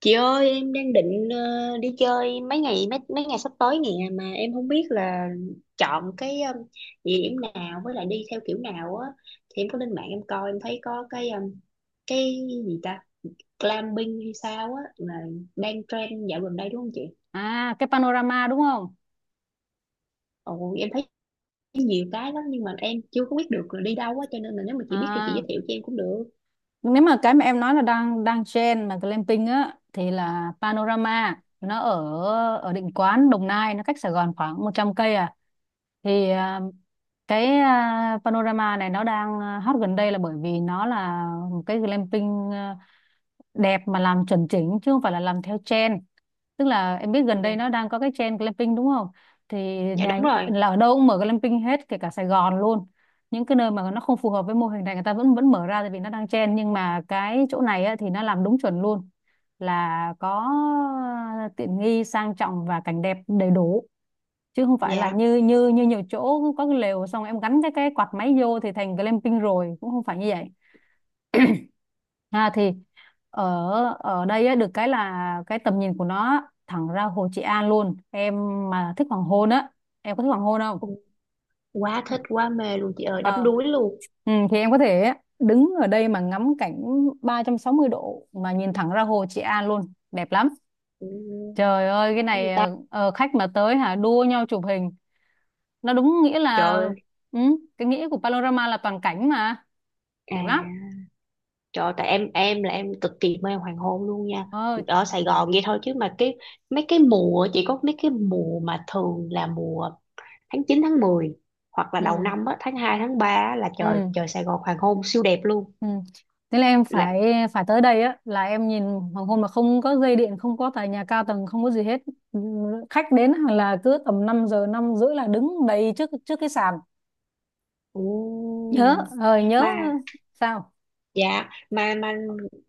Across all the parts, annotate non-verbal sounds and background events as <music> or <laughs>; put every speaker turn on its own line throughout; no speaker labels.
Chị ơi, em đang định đi chơi mấy ngày sắp tới nè, mà em không biết là chọn cái địa điểm nào với lại đi theo kiểu nào á. Thì em có lên mạng em coi em thấy có cái gì ta glamping hay sao á, là đang trend dạo gần đây đúng không chị?
À, cái panorama đúng không?
Ồ, em thấy nhiều cái lắm nhưng mà em chưa có biết được là đi đâu á, cho nên là nếu mà chị biết thì chị
À,
giới thiệu cho em cũng được.
nếu mà cái mà em nói là đang đang trend mà glamping á thì là panorama nó ở ở Định Quán Đồng Nai, nó cách Sài Gòn khoảng 100 cây à. Thì à, cái à, Panorama này nó đang hot gần đây là bởi vì nó là một cái glamping đẹp mà làm chuẩn chỉnh, chứ không phải là làm theo trend. Tức là em biết gần
Dạ,
đây nó đang có cái trend glamping đúng không, thì
dạ
nhà
đúng rồi.
là ở đâu cũng mở glamping hết, kể cả Sài Gòn luôn. Những cái nơi mà nó không phù hợp với mô hình này người ta vẫn vẫn mở ra tại vì nó đang trend, nhưng mà cái chỗ này á, thì nó làm đúng chuẩn luôn, là có tiện nghi sang trọng và cảnh đẹp đầy đủ, chứ không phải là
Dạ.
như như như nhiều chỗ có cái lều xong em gắn cái quạt máy vô thì thành glamping rồi, cũng không phải như vậy. Ha, thì ở ở đây á, được cái là cái tầm nhìn của nó thẳng ra Hồ Trị An luôn em, mà thích hoàng hôn á, em có thích hoàng hôn không?
Ồ, quá thích quá mê luôn chị ơi, đắm
Ờ,
đuối luôn.
thì em có thể đứng ở đây mà ngắm cảnh 360 độ mà nhìn thẳng ra Hồ Trị An luôn, đẹp lắm.
Ừ,
Trời ơi cái
đã gì
này
ta?
khách mà tới hả, đua nhau chụp hình, nó đúng nghĩa
Trời
là,
ơi.
ừ, cái nghĩa của panorama là toàn cảnh mà,
À,
đẹp lắm.
trời ơi, tại em là em cực kỳ mê hoàng hôn luôn nha.
ờ
Ở Sài Gòn vậy thôi, chứ mà mấy cái mùa, chỉ có mấy cái mùa mà thường là mùa tháng 9 tháng 10, hoặc là
ừ,
đầu năm á, tháng 2 tháng 3 á, là trời
ừ.
trời Sài Gòn hoàng hôn siêu đẹp luôn.
Ừ. Thế là em
Là.
phải phải tới đây á, là em nhìn hoàng hôn mà không có dây điện, không có tòa nhà cao tầng, không có gì hết. Ừ, khách đến là cứ tầm 5 giờ 5 rưỡi là đứng đầy trước trước cái sàn.
Ồ.
Nhớ, nhớ
Mà
sao?
dạ, mà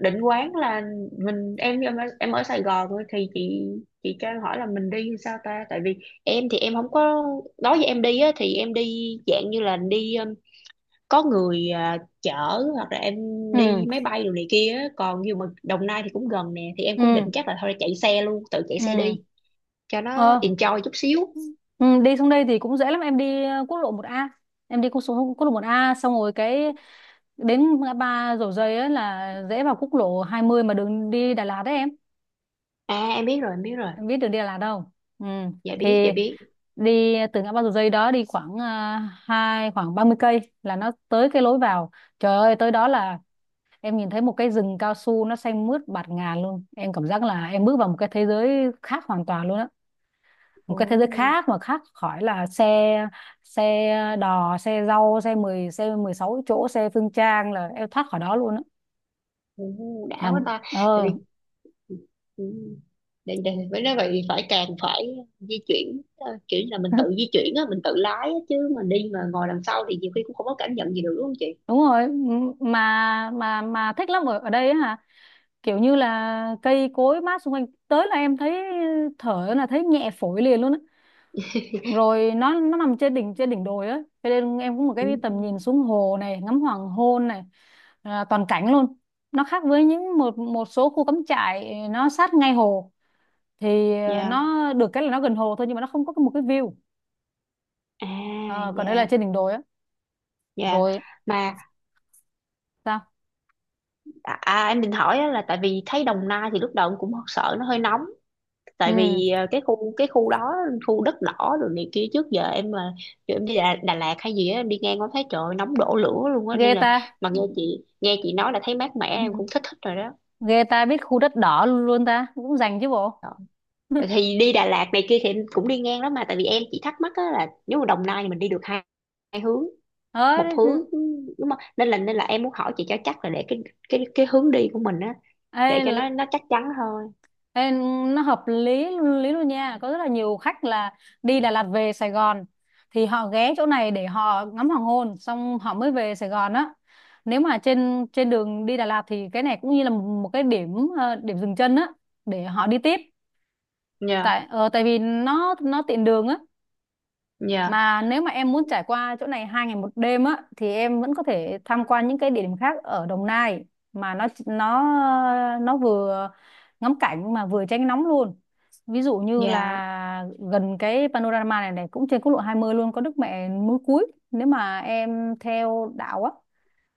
Định Quán là, mình em ở Sài Gòn thôi, thì chị cho em hỏi là mình đi sao ta, tại vì em thì em không có nói với em đi á, thì em đi dạng như là đi có người chở, hoặc là em đi
Ừ,
máy bay đồ này kia á. Còn như mà Đồng Nai thì cũng gần nè, thì em cũng
ừ,
định chắc là thôi chạy xe luôn, tự chạy xe
ừ.
đi cho nó
Ờ,
enjoy chút xíu.
ừ, đi xuống đây thì cũng dễ lắm, em đi quốc lộ một A. Em đi quốc lộ một A xong rồi cái đến ngã ba Dầu Giây á là dễ vào quốc lộ hai mươi, mà đường đi Đà Lạt đấy em.
À em biết rồi em biết rồi.
Em biết được Đà Lạt không? Ừ.
Dạ biết
Thì
dạ biết.
đi từ ngã ba Dầu Giây đó đi khoảng à, hai khoảng 30 cây là nó tới cái lối vào. Trời ơi tới đó là em nhìn thấy một cái rừng cao su nó xanh mướt bạt ngàn luôn, em cảm giác là em bước vào một cái thế giới khác hoàn toàn luôn á, một
Ồ.
cái thế giới khác mà khác khỏi là xe, xe đò, xe rau, xe mười, xe 16 chỗ, xe phương trang, là em thoát khỏi đó luôn á.
Ồ, đã
Là
quá ta. Tại
ờ
vì ừ, để, với nói vậy thì càng phải di chuyển kiểu như là mình tự
<laughs>
di chuyển á, mình tự lái á, chứ mình đi mà ngồi đằng sau thì nhiều khi cũng không có cảm nhận gì được đúng không chị?
đúng rồi, mà thích lắm ở ở đây á, kiểu như là cây cối mát xung quanh tới là em thấy thở là thấy nhẹ phổi liền luôn á. Rồi nó nằm trên đỉnh, trên đỉnh đồi á, cho nên em có một
Ừ,
cái tầm nhìn xuống hồ này, ngắm hoàng hôn này, là toàn cảnh luôn. Nó khác với những một một số khu cắm trại nó sát ngay hồ, thì
dạ.
nó được cái là nó gần hồ thôi, nhưng mà nó không có một cái view.
À,
Ờ, còn đây là
dạ.
trên đỉnh đồi á.
Dạ.
Rồi
Mà.
sao?
À, à, em định hỏi á, là tại vì thấy Đồng Nai thì lúc đầu em cũng sợ nó hơi nóng,
ừ
tại vì cái khu đó khu đất đỏ rồi này kia. Trước giờ em mà kiểu em đi Đà Lạt hay gì á, em đi ngang có thấy trời ơi, nóng đổ lửa luôn á,
ghê
nên là
ta.
mà nghe chị nói là thấy mát mẻ em cũng
<laughs> Ừ,
thích thích rồi đó.
ghê ta biết khu đất đỏ luôn, ta cũng dành chứ bộ.
Rồi
<laughs>
thì đi Đà Lạt này kia thì em cũng đi ngang đó, mà tại vì em chỉ thắc mắc á, là nếu mà Đồng Nai thì mình đi được hai hướng
ờ
một hướng đúng không, nên là nên là em muốn hỏi chị cho chắc, là để cái hướng đi của mình á, để cho
ê,
nó chắc chắn thôi.
Ê, nó hợp lý lý luôn nha, có rất là nhiều khách là đi Đà Lạt về Sài Gòn thì họ ghé chỗ này để họ ngắm hoàng hôn xong họ mới về Sài Gòn á. Nếu mà trên trên đường đi Đà Lạt thì cái này cũng như là một cái điểm điểm dừng chân á, để họ đi tiếp.
Dạ.
Tại vì nó tiện đường á. Mà nếu mà em muốn trải qua chỗ này hai ngày một đêm á thì em vẫn có thể tham quan những cái địa điểm khác ở Đồng Nai, mà nó vừa ngắm cảnh mà vừa tránh nóng luôn. Ví dụ như
Dạ
là gần cái panorama này này cũng trên quốc lộ 20 luôn, có Đức Mẹ núi Cúi. Nếu mà em theo đạo á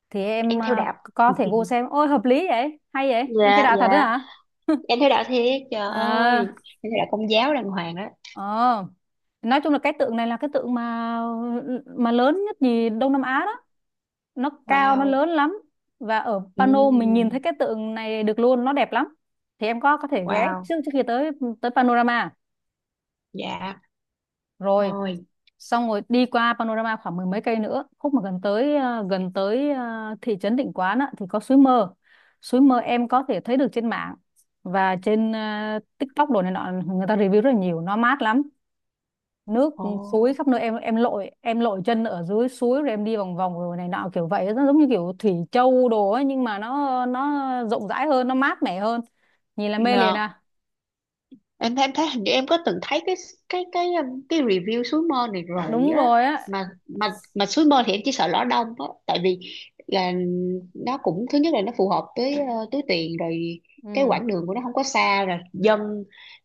thì
em
em
theo đạo.
có thể vô
<laughs>
xem. Ôi hợp lý vậy, hay vậy. Em theo
Dạ
đạo
dạ
thật đấy hả?
em theo đạo thiệt, trời ơi.
À,
Em theo đạo công giáo đàng hoàng đó.
ờ. Nói chung là cái tượng này là cái tượng mà lớn nhất gì Đông Nam Á đó, nó cao nó
Wow.
lớn lắm, và ở Pano mình nhìn
Ừ.
thấy cái tượng này được luôn, nó đẹp lắm. Thì em có thể ghé
Wow.
trước trước khi tới tới Panorama
Dạ
rồi,
rồi.
xong rồi đi qua Panorama khoảng mười mấy cây nữa, khúc mà gần tới thị trấn Định Quán á, thì có suối mơ. Suối mơ em có thể thấy được trên mạng và trên TikTok đồ này nọ, người ta review rất là nhiều, nó mát lắm, nước
Ồ.
suối khắp nơi, em lội, lội chân ở dưới suối rồi em đi vòng vòng rồi này nọ kiểu vậy, nó giống như kiểu Thủy Châu đồ ấy, nhưng mà nó rộng rãi hơn, nó mát mẻ hơn, nhìn là
Rồi,
mê liền à.
em thấy hình như em có từng thấy cái review suối mơ này rồi
Đúng
á.
rồi á.
Mà mà suối mơ thì em chỉ sợ lõ đông á, tại vì là nó cũng, thứ nhất là nó phù hợp với túi tiền rồi, cái
Ừ
quãng đường của nó không có xa, rồi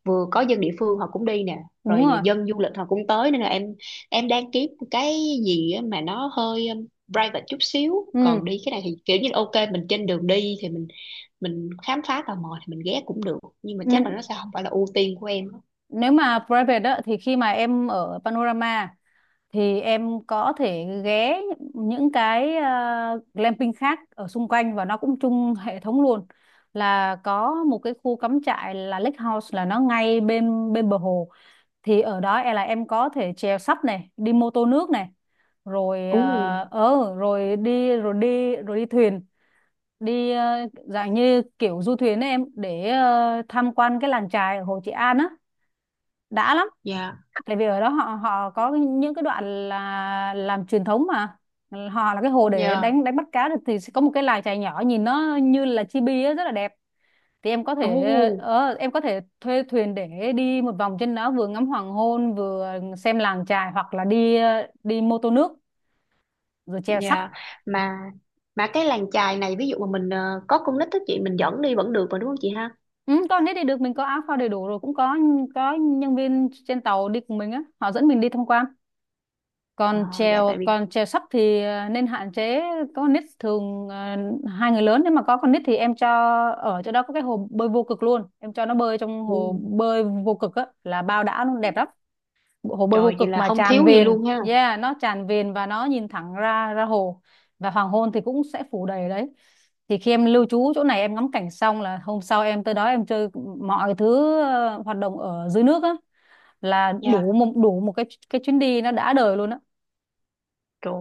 vừa có dân địa phương họ cũng đi nè,
đúng
rồi
rồi
dân du lịch họ cũng tới, nên là em đang kiếm cái gì á mà nó hơi private chút xíu.
ừ
Còn đi cái này thì kiểu như là ok, mình trên đường đi thì mình khám phá tò mò thì mình ghé cũng được, nhưng mà
Nên,
chắc là nó sẽ không phải là ưu tiên của em á.
nếu mà private á thì khi mà em ở Panorama thì em có thể ghé những cái glamping khác ở xung quanh, và nó cũng chung hệ thống luôn, là có một cái khu cắm trại là Lake House, là nó ngay bên bên bờ hồ. Thì ở đó em là em có thể chèo sắp này, đi mô tô nước này, rồi
Ồ,
rồi đi thuyền, đi dạng như kiểu du thuyền ấy em, để tham quan cái làng chài ở Hồ Trị An á, đã lắm.
dạ,
Tại vì ở đó họ họ có những cái đoạn là làm truyền thống mà, họ là cái hồ để
dạ,
đánh đánh bắt cá được, thì sẽ có một cái làng chài nhỏ nhìn nó như là chibi á, rất là đẹp. Thì em có
ồ,
thể em có thể thuê thuyền để đi một vòng trên đó, vừa ngắm hoàng hôn vừa xem làng chài, hoặc là đi đi mô tô nước rồi chèo sắp.
dạ. Mà mà cái làng chài này, ví dụ mà mình có con nít á chị, mình dẫn đi vẫn được mà đúng không chị ha?
Ừ, con hết đi được, mình có áo phao đầy đủ rồi, cũng có nhân viên trên tàu đi cùng mình á, họ dẫn mình đi tham quan.
Ờ,
Còn
dạ tại vì.
chèo sắp thì nên hạn chế có con nít, thường hai người lớn. Nếu mà có con nít thì em cho, ở chỗ đó có cái hồ bơi vô cực luôn, em cho nó bơi trong
Ồ,
hồ bơi vô cực á là bao đã luôn, đẹp lắm. Hồ bơi vô
trời, vậy
cực
là
mà
không
tràn
thiếu gì
vền,
luôn ha.
yeah, nó tràn vền và nó nhìn thẳng ra ra hồ, và hoàng hôn thì cũng sẽ phủ đầy ở đấy. Thì khi em lưu trú chỗ này em ngắm cảnh xong là hôm sau em tới đó em chơi mọi thứ, hoạt động ở dưới nước á, là đủ
Dạ,
một cái chuyến đi nó đã đời luôn á.
trời.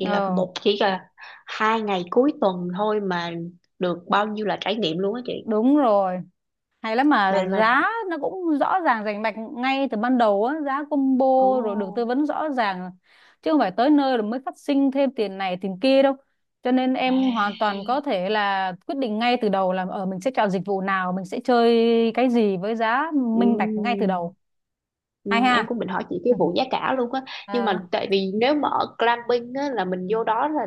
Vậy là,
ờ
chỉ là 2 ngày cuối tuần thôi mà được bao nhiêu là trải nghiệm luôn á chị.
Đúng rồi, hay lắm, mà
Mà.
giá nó cũng rõ ràng rành mạch ngay từ ban đầu á, giá combo,
Ồ.
rồi được tư vấn rõ ràng, chứ không phải tới nơi rồi mới phát sinh thêm tiền này tiền kia đâu, cho nên
À.
em hoàn toàn có thể là quyết định ngay từ đầu là ở mình sẽ chọn dịch vụ nào, mình sẽ chơi cái gì, với giá
Ừ.
minh bạch ngay từ đầu. Hay
Ừ, em
ha.
cũng định hỏi chị cái
<laughs>
vụ giá cả luôn á, nhưng
Ờ
mà tại vì nếu mà ở glamping á là mình vô đó là,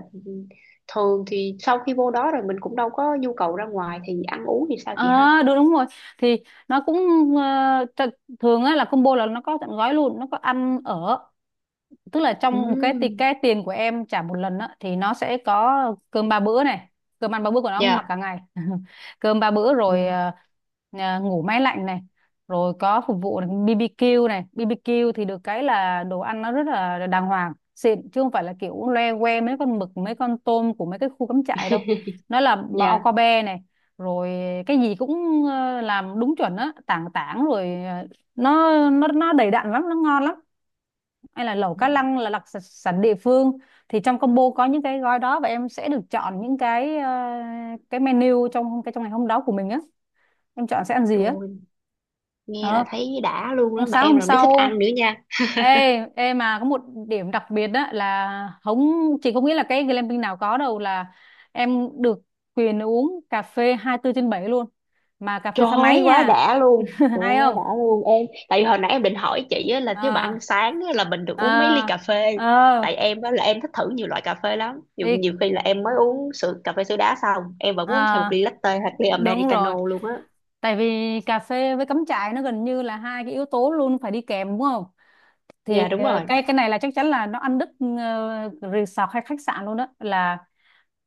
thường thì sau khi vô đó rồi mình cũng đâu có nhu cầu ra ngoài, thì ăn uống thì sao chị ha?
à, đúng đúng rồi, thì nó cũng ờ, th- thường á là combo là nó có tận gói luôn, nó có ăn ở, tức là trong một cái
Ừ,
cái tiền của em trả một lần á thì nó sẽ có cơm ba bữa này, cơm ăn ba bữa của nó mặc
dạ.
cả ngày <laughs> cơm ba bữa
Ừ.
rồi, ngủ máy lạnh này, rồi có phục vụ này, BBQ này. BBQ thì được cái là đồ ăn nó rất là đàng hoàng xịn, chứ không phải là kiểu loe que mấy con mực mấy con tôm của mấy cái khu cắm trại đâu, nó là bao
Dạ
cao be này. Rồi cái gì cũng làm đúng chuẩn á, tảng tảng rồi nó đầy đặn lắm, nó ngon lắm, hay là lẩu cá lăng là đặc sản địa phương. Thì trong combo có những cái gói đó, và em sẽ được chọn những cái cái menu trong cái trong ngày hôm đó của mình á, em chọn sẽ ăn gì á.
rồi, nghe là
ờ
thấy đã luôn đó,
Hôm
mà
sáng
em
hôm
là đứa thích ăn
sau,
nữa nha.
ê ê mà có một điểm đặc biệt đó là không chỉ có nghĩa là cái glamping nào có đâu là em được quyền uống cà phê 24/7 luôn, mà cà phê
Trời
pha
ơi,
máy
quá
nha.
đã luôn.
<laughs>
Trời ơi,
Hay
quá
không?
đã luôn em. Tại vì hồi nãy em định hỏi chị á, là thiếu bà
Ờ,
ăn sáng á, là mình được uống mấy ly
ờ,
cà phê.
ờ,
Tại em á, là em thích thử nhiều loại cà phê lắm. Nhiều,
thì
nhiều khi là em mới uống sữa cà phê sữa đá xong, em vẫn
ờ,
uống thêm một ly latte hoặc ly
đúng rồi.
americano luôn á.
Tại vì cà phê với cắm trại nó gần như là hai cái yếu tố luôn phải đi kèm đúng không? Thì
Dạ đúng rồi.
cái này là chắc chắn là nó ăn đứt resort hay khách sạn luôn, đó là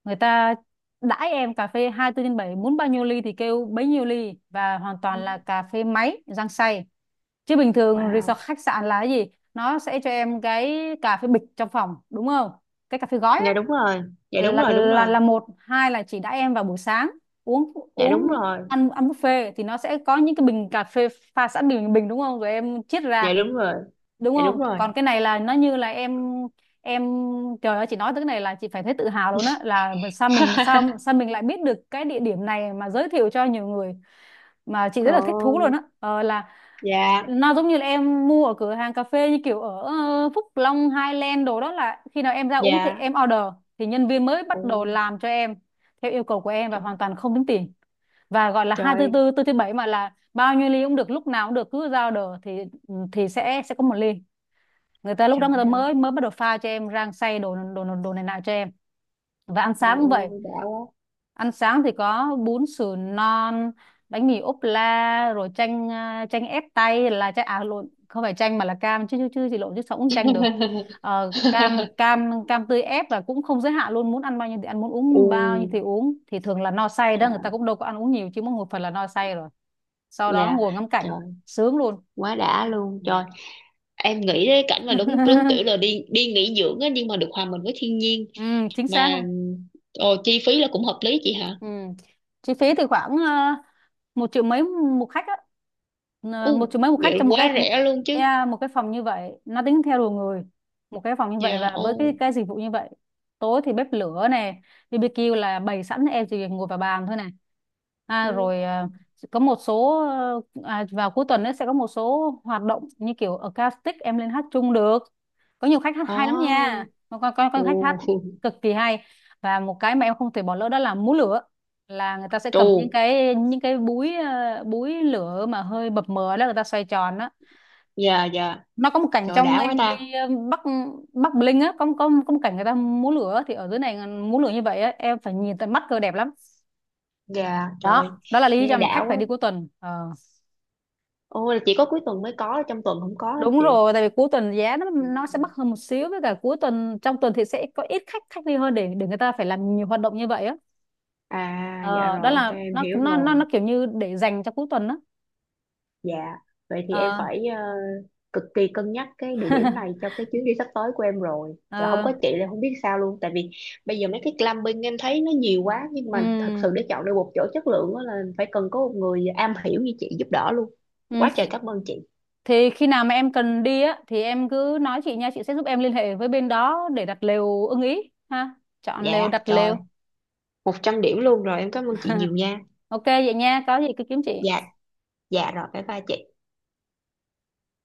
người ta đãi em cà phê 24/7, muốn bao nhiêu ly thì kêu bấy nhiêu ly, và hoàn toàn là cà phê máy rang xay. Chứ bình thường resort
Wow.
khách sạn là cái gì? Nó sẽ cho em cái cà phê bịch trong phòng đúng không? Cái cà phê gói á,
Dạ đúng rồi. Dạ đúng
là
rồi, đúng
là
rồi.
là một hai là chỉ đãi em vào buổi sáng, uống
Dạ đúng
uống
rồi.
ăn ăn buffet thì nó sẽ có những cái bình cà phê pha sẵn, bình bình đúng không, rồi em chiết
Dạ
ra
đúng rồi.
đúng
Dạ đúng
không.
rồi.
Còn cái này là nó như là em trời ơi, chị nói tới cái này là chị phải thấy tự hào luôn á, là mà sao mình sao sao mình lại biết được cái địa điểm này mà giới thiệu cho nhiều người, mà chị rất
Trời
là thích thú luôn á.
ơi.
Ờ, là
Dạ,
nó giống như là em mua ở cửa hàng cà phê, như kiểu ở Phúc Long, Highland đồ đó, là khi nào em ra uống thì
dạ.
em order, thì nhân viên mới bắt
Ồ,
đầu làm cho em theo yêu cầu của em và
trời,
hoàn toàn không tính tiền. Và gọi là
trời,
244 tư tư tư thứ bảy, mà là bao nhiêu ly cũng được, lúc nào cũng được, cứ ra order thì ừ, thì sẽ có một ly, người ta lúc đó người
trời
ta
ơi.
mới mới bắt đầu pha cho em rang xay đồ đồ đồ này nọ cho em. Và ăn
Ồ,
sáng cũng vậy.
đã quá.
Ăn sáng thì có bún sườn non, bánh mì ốp la, rồi chanh à, chanh ép tay là chanh, à lộn, không phải chanh mà là cam, chứ chứ chứ gì lộn chứ sao cũng chanh được. Ờ, cam
<laughs>
cam cam tươi ép, và cũng không giới hạn luôn, muốn ăn bao nhiêu thì ăn, muốn
Ừ,
uống bao nhiêu thì uống, thì thường là no say đó, người ta cũng đâu có ăn uống nhiều chứ, mỗi một phần là no say rồi, sau đó
dạ
ngồi ngắm cảnh,
trời,
sướng luôn.
quá đã luôn
Ừ.
trời, em nghĩ đến cảnh mà đúng đúng kiểu là
<laughs>
đi đi nghỉ dưỡng á, nhưng mà được hòa mình với thiên nhiên.
Ừ, chính xác.
Mà ồ, chi phí là cũng hợp lý chị hả?
Ừ. Chi phí thì khoảng một triệu mấy một khách á. Ờ, một
U,
triệu mấy một khách,
vậy
trong một cái,
quá rẻ luôn chứ.
yeah, một cái phòng như vậy, nó tính theo đầu người. Một cái phòng như vậy
Dạ.
và với cái
Ô.
cái dịch vụ như vậy, tối thì bếp lửa này, BBQ là bày sẵn, em chỉ việc ngồi vào bàn thôi này. À, rồi có một số vào cuối tuần ấy, sẽ có một số hoạt động như kiểu acoustic, em lên hát chung được. Có nhiều khách hát hay lắm nha,
Oh.
có có khách hát
Ồ.
cực kỳ hay. Và một cái mà em không thể bỏ lỡ đó là múa lửa. Là người ta sẽ
Trù.
cầm những cái búi búi lửa mà hơi mập mờ đó, người ta xoay tròn đó.
Dạ, dạ
Nó có một cảnh
trời,
trong
đã quá ta.
MV Bắc Bắc Bling á, có có một cảnh người ta múa lửa, thì ở dưới này múa lửa như vậy á, em phải nhìn tận mắt cơ, đẹp lắm.
Dạ trời,
Đó, đó là lý
nghe
do mà khách
đã
phải
quá.
đi cuối tuần. Ờ.
Ô, là chỉ có cuối tuần mới có, trong tuần không có hả
Đúng
chị?
rồi, tại vì cuối tuần giá nó sẽ mắc hơn một xíu, với cả cuối tuần trong tuần thì sẽ có ít khách, khách đi hơn, để người ta phải làm nhiều hoạt động như vậy á.
À, dạ
Ờ,
rồi,
đó
ok
là
em
nó
hiểu
nó nó
rồi.
nó kiểu như để dành cho cuối tuần đó.
Dạ, vậy thì em
Ờ.
phải cực kỳ cân nhắc cái địa điểm này
<laughs>
cho cái chuyến đi sắp tới của em rồi. Chứ không
Ờ.
có chị là không biết sao luôn. Tại vì bây giờ mấy cái glamping em thấy nó nhiều quá, nhưng
Ừ.
mà thật sự để chọn được một chỗ chất lượng á là phải cần có một người am hiểu như chị giúp đỡ luôn.
Ừ.
Quá trời cảm ơn chị.
Thì khi nào mà em cần đi á thì em cứ nói chị nha, chị sẽ giúp em liên hệ với bên đó để đặt lều ưng ý ha. Chọn lều,
Dạ,
đặt
trời,
lều.
100 điểm luôn rồi. Em cảm ơn chị nhiều nha.
OK vậy nha, có gì cứ kiếm
Dạ,
chị.
dạ rồi, bye bye chị.